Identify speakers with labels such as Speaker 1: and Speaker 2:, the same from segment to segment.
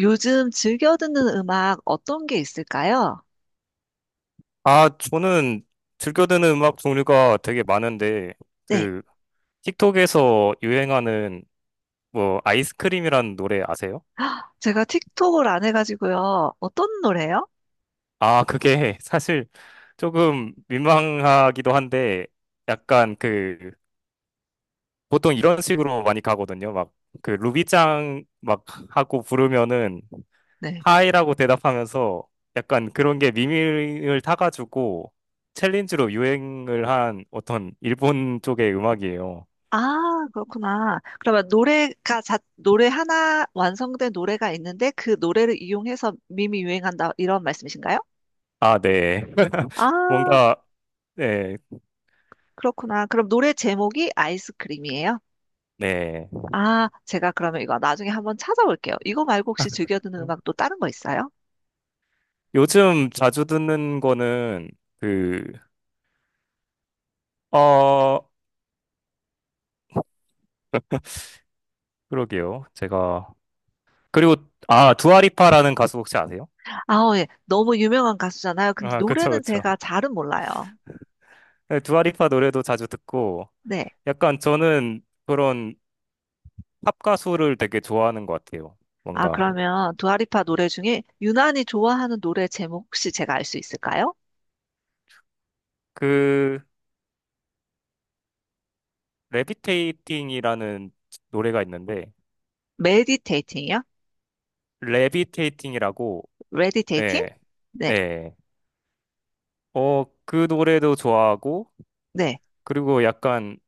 Speaker 1: 요즘 즐겨 듣는 음악 어떤 게 있을까요?
Speaker 2: 아, 저는 즐겨 듣는 음악 종류가 되게 많은데,
Speaker 1: 네.
Speaker 2: 그, 틱톡에서 유행하는, 뭐, 아이스크림이라는 노래 아세요?
Speaker 1: 아, 제가 틱톡을 안 해가지고요. 어떤 노래요?
Speaker 2: 아, 그게 사실 조금 민망하기도 한데, 약간 그, 보통 이런 식으로 많이 가거든요. 막, 그, 루비짱 막 하고 부르면은,
Speaker 1: 네.
Speaker 2: 하이라고 대답하면서, 약간 그런 게 미밀을 타가지고, 챌린지로 유행을 한 어떤 일본 쪽의 음악이에요.
Speaker 1: 아, 그렇구나. 그러면 노래가 자, 노래 하나 완성된 노래가 있는데 그 노래를 이용해서 밈이 유행한다 이런 말씀이신가요?
Speaker 2: 아, 네.
Speaker 1: 아,
Speaker 2: 뭔가, 네,
Speaker 1: 그렇구나. 그럼 노래 제목이 아이스크림이에요?
Speaker 2: 네.
Speaker 1: 아, 제가 그러면 이거 나중에 한번 찾아볼게요. 이거 말고 혹시 즐겨 듣는 음악 또 다른 거 있어요?
Speaker 2: 요즘 자주 듣는 거는, 그, 어, 그러게요. 제가, 그리고, 아, 두아리파라는 가수 혹시 아세요?
Speaker 1: 아, 어, 예. 너무 유명한 가수잖아요. 근데
Speaker 2: 아, 그쵸,
Speaker 1: 노래는
Speaker 2: 그쵸.
Speaker 1: 제가 잘은 몰라요.
Speaker 2: 네, 두아리파 노래도 자주 듣고,
Speaker 1: 네.
Speaker 2: 약간 저는 그런 팝 가수를 되게 좋아하는 것 같아요.
Speaker 1: 아,
Speaker 2: 뭔가,
Speaker 1: 그러면 두아리파 노래 중에 유난히 좋아하는 노래 제목 혹시 제가 알 수 있을까요?
Speaker 2: 그, 레비테이팅이라는 노래가 있는데,
Speaker 1: 메디테이팅이요?
Speaker 2: 레비테이팅이라고,
Speaker 1: 레디테이팅?
Speaker 2: 네,
Speaker 1: 네,
Speaker 2: 네. 어, 그 노래도 좋아하고,
Speaker 1: 네.
Speaker 2: 그리고 약간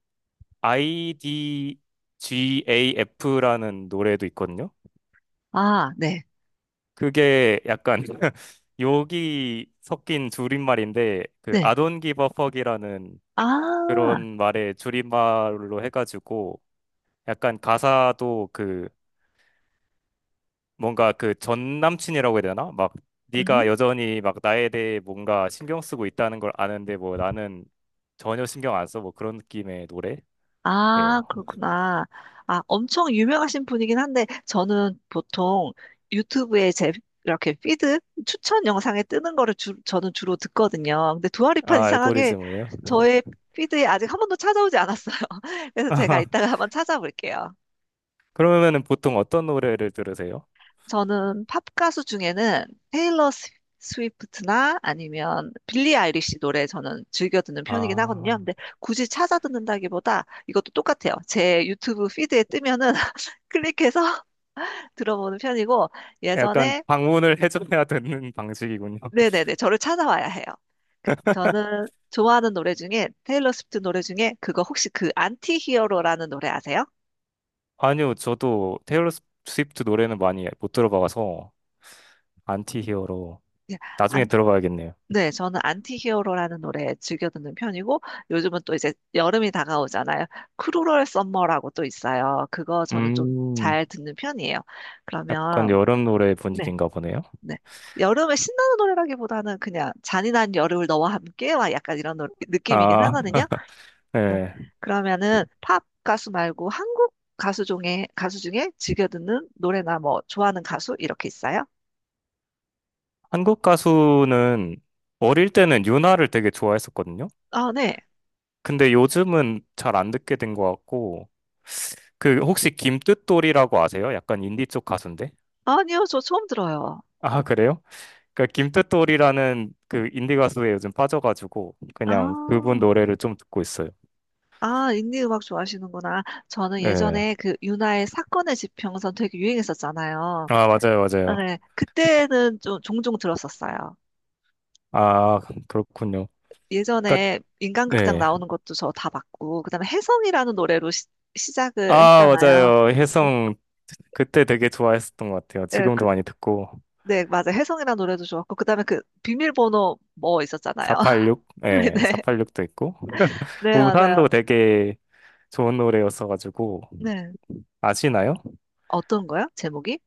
Speaker 2: IDGAF라는 노래도 있거든요.
Speaker 1: 아, 네,
Speaker 2: 그게 약간 욕이 섞인 줄임말인데, 그
Speaker 1: 네.
Speaker 2: I don't give a fuck이라는
Speaker 1: 아,
Speaker 2: 그런 말의 줄임말로 해가지고, 약간 가사도 그 뭔가 그 전 남친이라고 해야 되나? 막 네가
Speaker 1: 음.
Speaker 2: 여전히 막 나에 대해 뭔가 신경 쓰고 있다는 걸 아는데 뭐 나는 전혀 신경 안 써. 뭐 그런 느낌의
Speaker 1: 아,
Speaker 2: 노래예요.
Speaker 1: 그렇구나. 아, 엄청 유명하신 분이긴 한데 저는 보통 유튜브에 제 이렇게 피드 추천 영상에 뜨는 거를 주, 저는 주로 듣거든요. 근데 두아리파
Speaker 2: 아,
Speaker 1: 이상하게
Speaker 2: 알고리즘을요?
Speaker 1: 저의 피드에 아직 한 번도 찾아오지 않았어요. 그래서 제가 이따가 한번 찾아볼게요.
Speaker 2: 그러면은 보통 어떤 노래를 들으세요?
Speaker 1: 저는 팝 가수 중에는 테일러 스- 스위프트나 아니면 빌리 아이리시 노래 저는 즐겨 듣는 편이긴 하거든요.
Speaker 2: 아,
Speaker 1: 근데 굳이 찾아 듣는다기보다 이것도 똑같아요. 제 유튜브 피드에 뜨면은 클릭해서 들어보는 편이고
Speaker 2: 약간
Speaker 1: 예전에
Speaker 2: 방문을 해줘야 되는 방식이군요.
Speaker 1: 네네네 저를 찾아와야 해요. 그러니까 저는 좋아하는 노래 중에 테일러 스위프트 노래 중에 그거 혹시 그 안티 히어로라는 노래 아세요?
Speaker 2: 아니요, 저도 테일러 스위프트 노래는 많이 못 들어봐서 안티히어로
Speaker 1: 예,
Speaker 2: 나중에 들어봐야겠네요.
Speaker 1: 네, 저는 안티히어로라는 노래 즐겨 듣는 편이고 요즘은 또 이제 여름이 다가오잖아요. 크루럴 썸머라고 또 있어요. 그거 저는 좀
Speaker 2: 음,
Speaker 1: 잘 듣는 편이에요.
Speaker 2: 약간
Speaker 1: 그러면
Speaker 2: 여름 노래
Speaker 1: 네,
Speaker 2: 분위기인가 보네요.
Speaker 1: 네. 여름에 신나는 노래라기보다는 그냥 잔인한 여름을 너와 함께 막 약간 이런 노- 느낌이긴
Speaker 2: 아,
Speaker 1: 하거든요. 응.
Speaker 2: 네.
Speaker 1: 그러면은 팝 가수 말고 한국 가수 중에 가수 중에 즐겨 듣는 노래나 뭐 좋아하는 가수 이렇게 있어요?
Speaker 2: 한국 가수는 어릴 때는 윤아를 되게 좋아했었거든요.
Speaker 1: 아, 네.
Speaker 2: 근데 요즘은 잘 안 듣게 된 것 같고, 그 혹시 김뜻돌이라고 아세요? 약간 인디 쪽 가수인데?
Speaker 1: 아니요, 저 처음 들어요.
Speaker 2: 아, 그래요? 그 김뜻돌이라는 그 인디 가수에 요즘 빠져가지고 그냥 그분
Speaker 1: 아.
Speaker 2: 노래를 좀 듣고 있어요.
Speaker 1: 아, 인디 음악 좋아하시는구나. 저는
Speaker 2: 네.
Speaker 1: 예전에 그 윤하의 사건의 지평선 되게 유행했었잖아요.
Speaker 2: 아, 맞아요,
Speaker 1: 아,
Speaker 2: 맞아요.
Speaker 1: 네. 그때는 좀 종종 들었었어요.
Speaker 2: 아, 그렇군요. 그러니까
Speaker 1: 예전에 인간극장
Speaker 2: 네.
Speaker 1: 나오는 것도 저 다 봤고, 그다음에 혜성이라는 노래로 시, 시작을
Speaker 2: 아,
Speaker 1: 했잖아요.
Speaker 2: 맞아요. 혜성 그때 되게 좋아했었던 것 같아요.
Speaker 1: 네, 그,
Speaker 2: 지금도 많이 듣고
Speaker 1: 네, 맞아요. 혜성이라는 노래도 좋았고, 그다음에 그 비밀번호 뭐 있었잖아요.
Speaker 2: 486, 예,
Speaker 1: 네,
Speaker 2: 486도 있고
Speaker 1: 네, 맞아요.
Speaker 2: 우산도 되게 좋은 노래였어가지고
Speaker 1: 네.
Speaker 2: 아시나요?
Speaker 1: 어떤 거요? 제목이?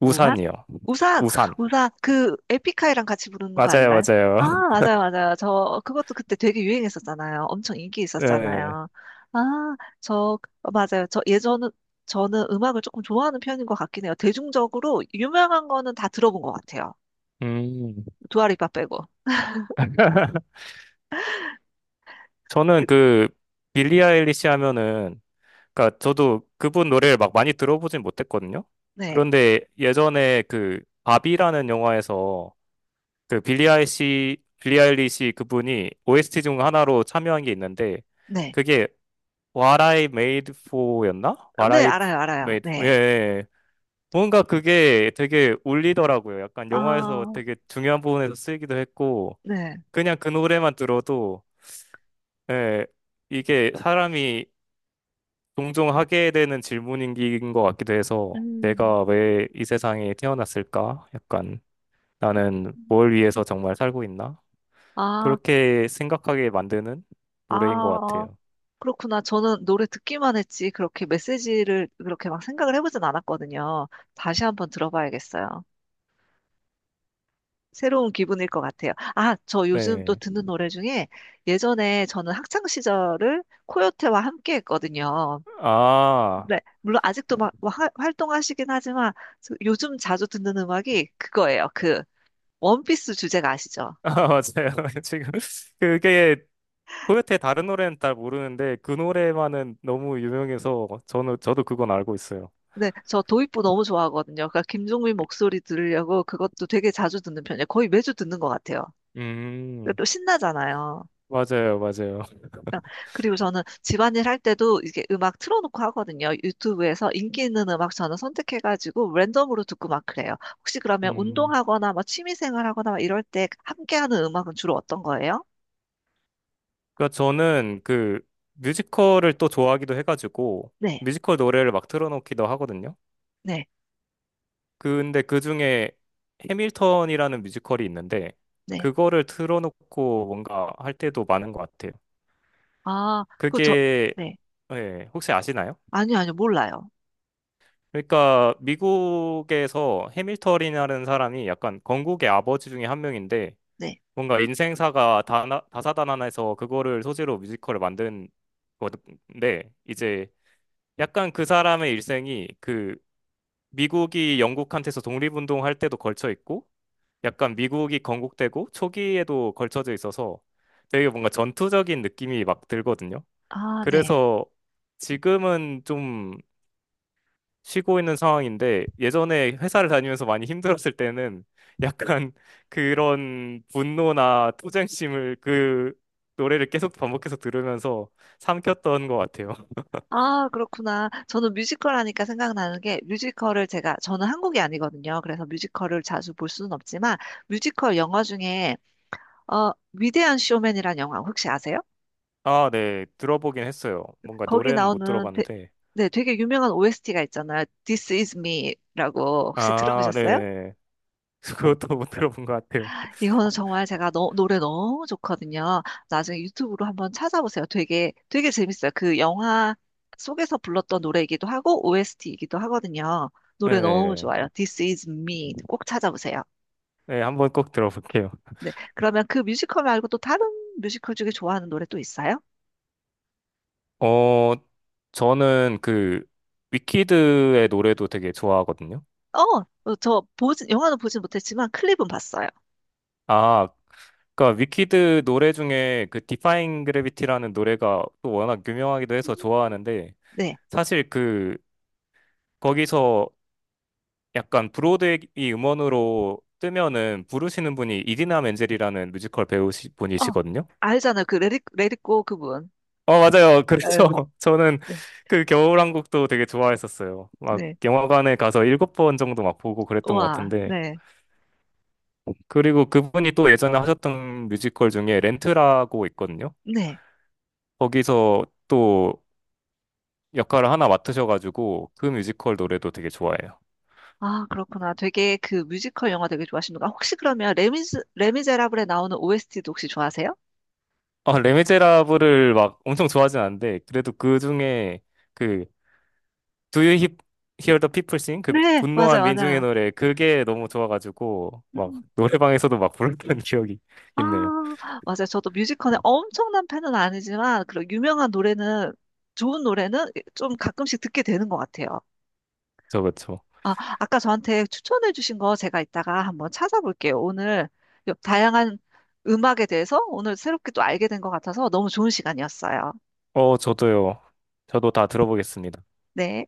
Speaker 1: 무한?
Speaker 2: 우산이요.
Speaker 1: 우산!
Speaker 2: 우산.
Speaker 1: 우산! 그 에픽하이랑 같이 부르는 거
Speaker 2: 맞아요,
Speaker 1: 아닌가요? 아,
Speaker 2: 맞아요.
Speaker 1: 맞아요, 맞아요. 저, 그것도 그때 되게 유행했었잖아요. 엄청 인기
Speaker 2: 네.
Speaker 1: 있었잖아요. 아, 저, 맞아요. 저 예전은, 저는 음악을 조금 좋아하는 편인 것 같긴 해요. 대중적으로 유명한 거는 다 들어본 것 같아요.
Speaker 2: 음.
Speaker 1: 두아리파 빼고. 그,
Speaker 2: 저는 그 빌리 아일리시 하면은 그러니까 저도 그분 노래를 막 많이 들어보진 못했거든요.
Speaker 1: 네,
Speaker 2: 그런데 예전에 그 바비라는 영화에서 그 빌리 아일리시 그분이 OST 중 하나로 참여한 게 있는데
Speaker 1: 네.
Speaker 2: 그게 What I Made For였나?
Speaker 1: 어,
Speaker 2: What
Speaker 1: 네,
Speaker 2: I
Speaker 1: 알아요, 알아요.
Speaker 2: Made For. 예.
Speaker 1: 네.
Speaker 2: 예. 뭔가 그게 되게 울리더라고요. 약간 영화에서
Speaker 1: 아,
Speaker 2: 되게 중요한 부분에서 쓰이기도 했고
Speaker 1: 네.
Speaker 2: 그냥 그 노래만 들어도 네, 이게 사람이 종종 하게 되는 질문인 것 같기도 해서
Speaker 1: 음.
Speaker 2: 내가 왜 이 세상에 태어났을까? 약간 나는 뭘 위해서 정말 살고 있나?
Speaker 1: 아,
Speaker 2: 그렇게 생각하게 만드는
Speaker 1: 아,
Speaker 2: 노래인 것
Speaker 1: 어.
Speaker 2: 같아요.
Speaker 1: 그렇구나. 저는 노래 듣기만 했지, 그렇게 메시지를 그렇게 막 생각을 해보진 않았거든요. 다시 한번 들어봐야겠어요. 새로운 기분일 것 같아요. 아, 저 요즘 또
Speaker 2: 네.
Speaker 1: 듣는 노래 중에 예전에 저는 학창 시절을 코요태와 함께 했거든요.
Speaker 2: 아,
Speaker 1: 네, 물론 아직도 막 화- 활동하시긴 하지만 저- 요즘 자주 듣는 음악이 그거예요. 그 원피스 주제가 아시죠?
Speaker 2: 아, 맞아요. 지금 그게 코요테 다른 노래는 잘 모르는데 그 노래만은 너무 유명해서 저는 저도 그건 알고 있어요.
Speaker 1: 네, 저 도입부 너무 좋아하거든요. 그러니까 김종민 목소리 들으려고 그것도 되게 자주 듣는 편이에요. 거의 매주 듣는 것 같아요. 그리고
Speaker 2: 음,
Speaker 1: 또 신나잖아요.
Speaker 2: 맞아요, 맞아요.
Speaker 1: 그 그리고 저는 집안일 할 때도 이게 음악 틀어놓고 하거든요. 유튜브에서 인기 있는 음악 저는 선택해가지고 랜덤으로 듣고 막 그래요. 혹시 그러면
Speaker 2: 음.
Speaker 1: 운동하거나 뭐 취미생활 하거나 막 이럴 때 함께하는 음악은 주로 어떤 거예요?
Speaker 2: 그러니까 저는 그 뮤지컬을 또 좋아하기도 해가지고
Speaker 1: 네,
Speaker 2: 뮤지컬 노래를 막 틀어놓기도 하거든요.
Speaker 1: 네,
Speaker 2: 근데 그 중에 해밀턴이라는 뮤지컬이 있는데
Speaker 1: 네.
Speaker 2: 그거를 틀어놓고 뭔가 할 때도 많은 것 같아요.
Speaker 1: 아, 그 저,
Speaker 2: 그게
Speaker 1: 네.
Speaker 2: 예, 혹시 아시나요?
Speaker 1: 아니요, 아니요, 몰라요.
Speaker 2: 그러니까 미국에서 해밀턴이라는 사람이 약간 건국의 아버지 중에 한 명인데
Speaker 1: 네.
Speaker 2: 뭔가 인생사가 다사다난해서 그거를 소재로 뮤지컬을 만든 건데 이제 약간 그 사람의 일생이 그 미국이 영국한테서 독립운동할 때도 걸쳐 있고 약간 미국이 건국되고 초기에도 걸쳐져 있어서 되게 뭔가 전투적인 느낌이 막 들거든요.
Speaker 1: 아, 네.
Speaker 2: 그래서 지금은 좀 쉬고 있는 상황인데 예전에 회사를 다니면서 많이 힘들었을 때는 약간 그런 분노나 투쟁심을 그 노래를 계속 반복해서 들으면서 삼켰던 것 같아요.
Speaker 1: 아, 그렇구나. 저는 뮤지컬 하니까 생각나는 게 뮤지컬을 제가, 저는 한국이 아니거든요. 그래서 뮤지컬을 자주 볼 수는 없지만 뮤지컬 영화 중에 아, 위대한 쇼맨이란 영화 혹시 아세요?
Speaker 2: 아, 네. 들어보긴 했어요. 뭔가
Speaker 1: 거기
Speaker 2: 노래는 못
Speaker 1: 나오는 되,
Speaker 2: 들어봤는데.
Speaker 1: 네, 되게 유명한 OST가 있잖아요. This is me라고 혹시
Speaker 2: 아,
Speaker 1: 들어보셨어요?
Speaker 2: 네. 그것도 못 들어본 것 같아요.
Speaker 1: 이거는 정말 제가 너- 노래 너무 좋거든요. 나중에 유튜브로 한번 찾아보세요. 되게 되게 재밌어요. 그 영화 속에서 불렀던 노래이기도 하고 OST이기도 하거든요. 노래 너무
Speaker 2: 네네네.
Speaker 1: 좋아요. This is me 꼭 찾아보세요.
Speaker 2: 네, 네. 한번 꼭 들어볼게요.
Speaker 1: 네, 그러면 그 뮤지컬 말고 또 다른 뮤지컬 중에 좋아하는 노래 또 있어요?
Speaker 2: 어, 저는 그 위키드의 노래도 되게 좋아하거든요.
Speaker 1: 어, 어, 저 보진 영화는 보진 못했지만 클립은 봤어요.
Speaker 2: 아, 그러니까 위키드 노래 중에 그 디파잉 그래비티라는 노래가 또 워낙 유명하기도 해서 좋아하는데
Speaker 1: 네.
Speaker 2: 사실 그 거기서 약간 브로드웨이 음원으로 뜨면은 부르시는 분이 이디나 멘젤이라는 뮤지컬 배우
Speaker 1: 어,
Speaker 2: 분이시거든요.
Speaker 1: 알잖아요. 그 레디, 레디꼬 그분.
Speaker 2: 어, 맞아요.
Speaker 1: 에,
Speaker 2: 그렇죠. 저는
Speaker 1: 네,
Speaker 2: 그 겨울왕국도 되게 좋아했었어요. 막
Speaker 1: 네.
Speaker 2: 영화관에 가서 일곱 번 정도 막 보고 그랬던 것
Speaker 1: 와,
Speaker 2: 같은데.
Speaker 1: 네.
Speaker 2: 그리고 그분이 또 예전에 하셨던 뮤지컬 중에 렌트라고 있거든요.
Speaker 1: 네.
Speaker 2: 거기서 또 역할을 하나 맡으셔가지고 그 뮤지컬 노래도 되게 좋아해요.
Speaker 1: 아, 그렇구나. 되게 그 뮤지컬 영화 되게 좋아하시는구나. 혹시 그러면 레미즈, 레미제라블에 나오는 OST도 혹시 좋아하세요?
Speaker 2: 아, 레미제라블을 막 엄청 좋아하진 않는데 그래도 그 중에 그 Do You Hear the People Sing? 그
Speaker 1: 네,
Speaker 2: 분노한
Speaker 1: 맞아요,
Speaker 2: 민중의
Speaker 1: 맞아요.
Speaker 2: 노래 그게 너무 좋아가지고 막
Speaker 1: 음,
Speaker 2: 노래방에서도 막 불렀던 기억이
Speaker 1: 아,
Speaker 2: 있네요.
Speaker 1: 맞아요. 저도 뮤지컬에 엄청난 팬은 아니지만, 그런 유명한 노래는, 좋은 노래는 좀 가끔씩 듣게 되는 것 같아요.
Speaker 2: 그쵸, 그쵸.
Speaker 1: 아, 아까 저한테 추천해 주신 거 제가 이따가 한번 찾아볼게요. 오늘 요- 다양한 음악에 대해서 오늘 새롭게 또 알게 된 것 같아서 너무 좋은 시간이었어요.
Speaker 2: 어, 저도요. 저도 다 들어보겠습니다.
Speaker 1: 네.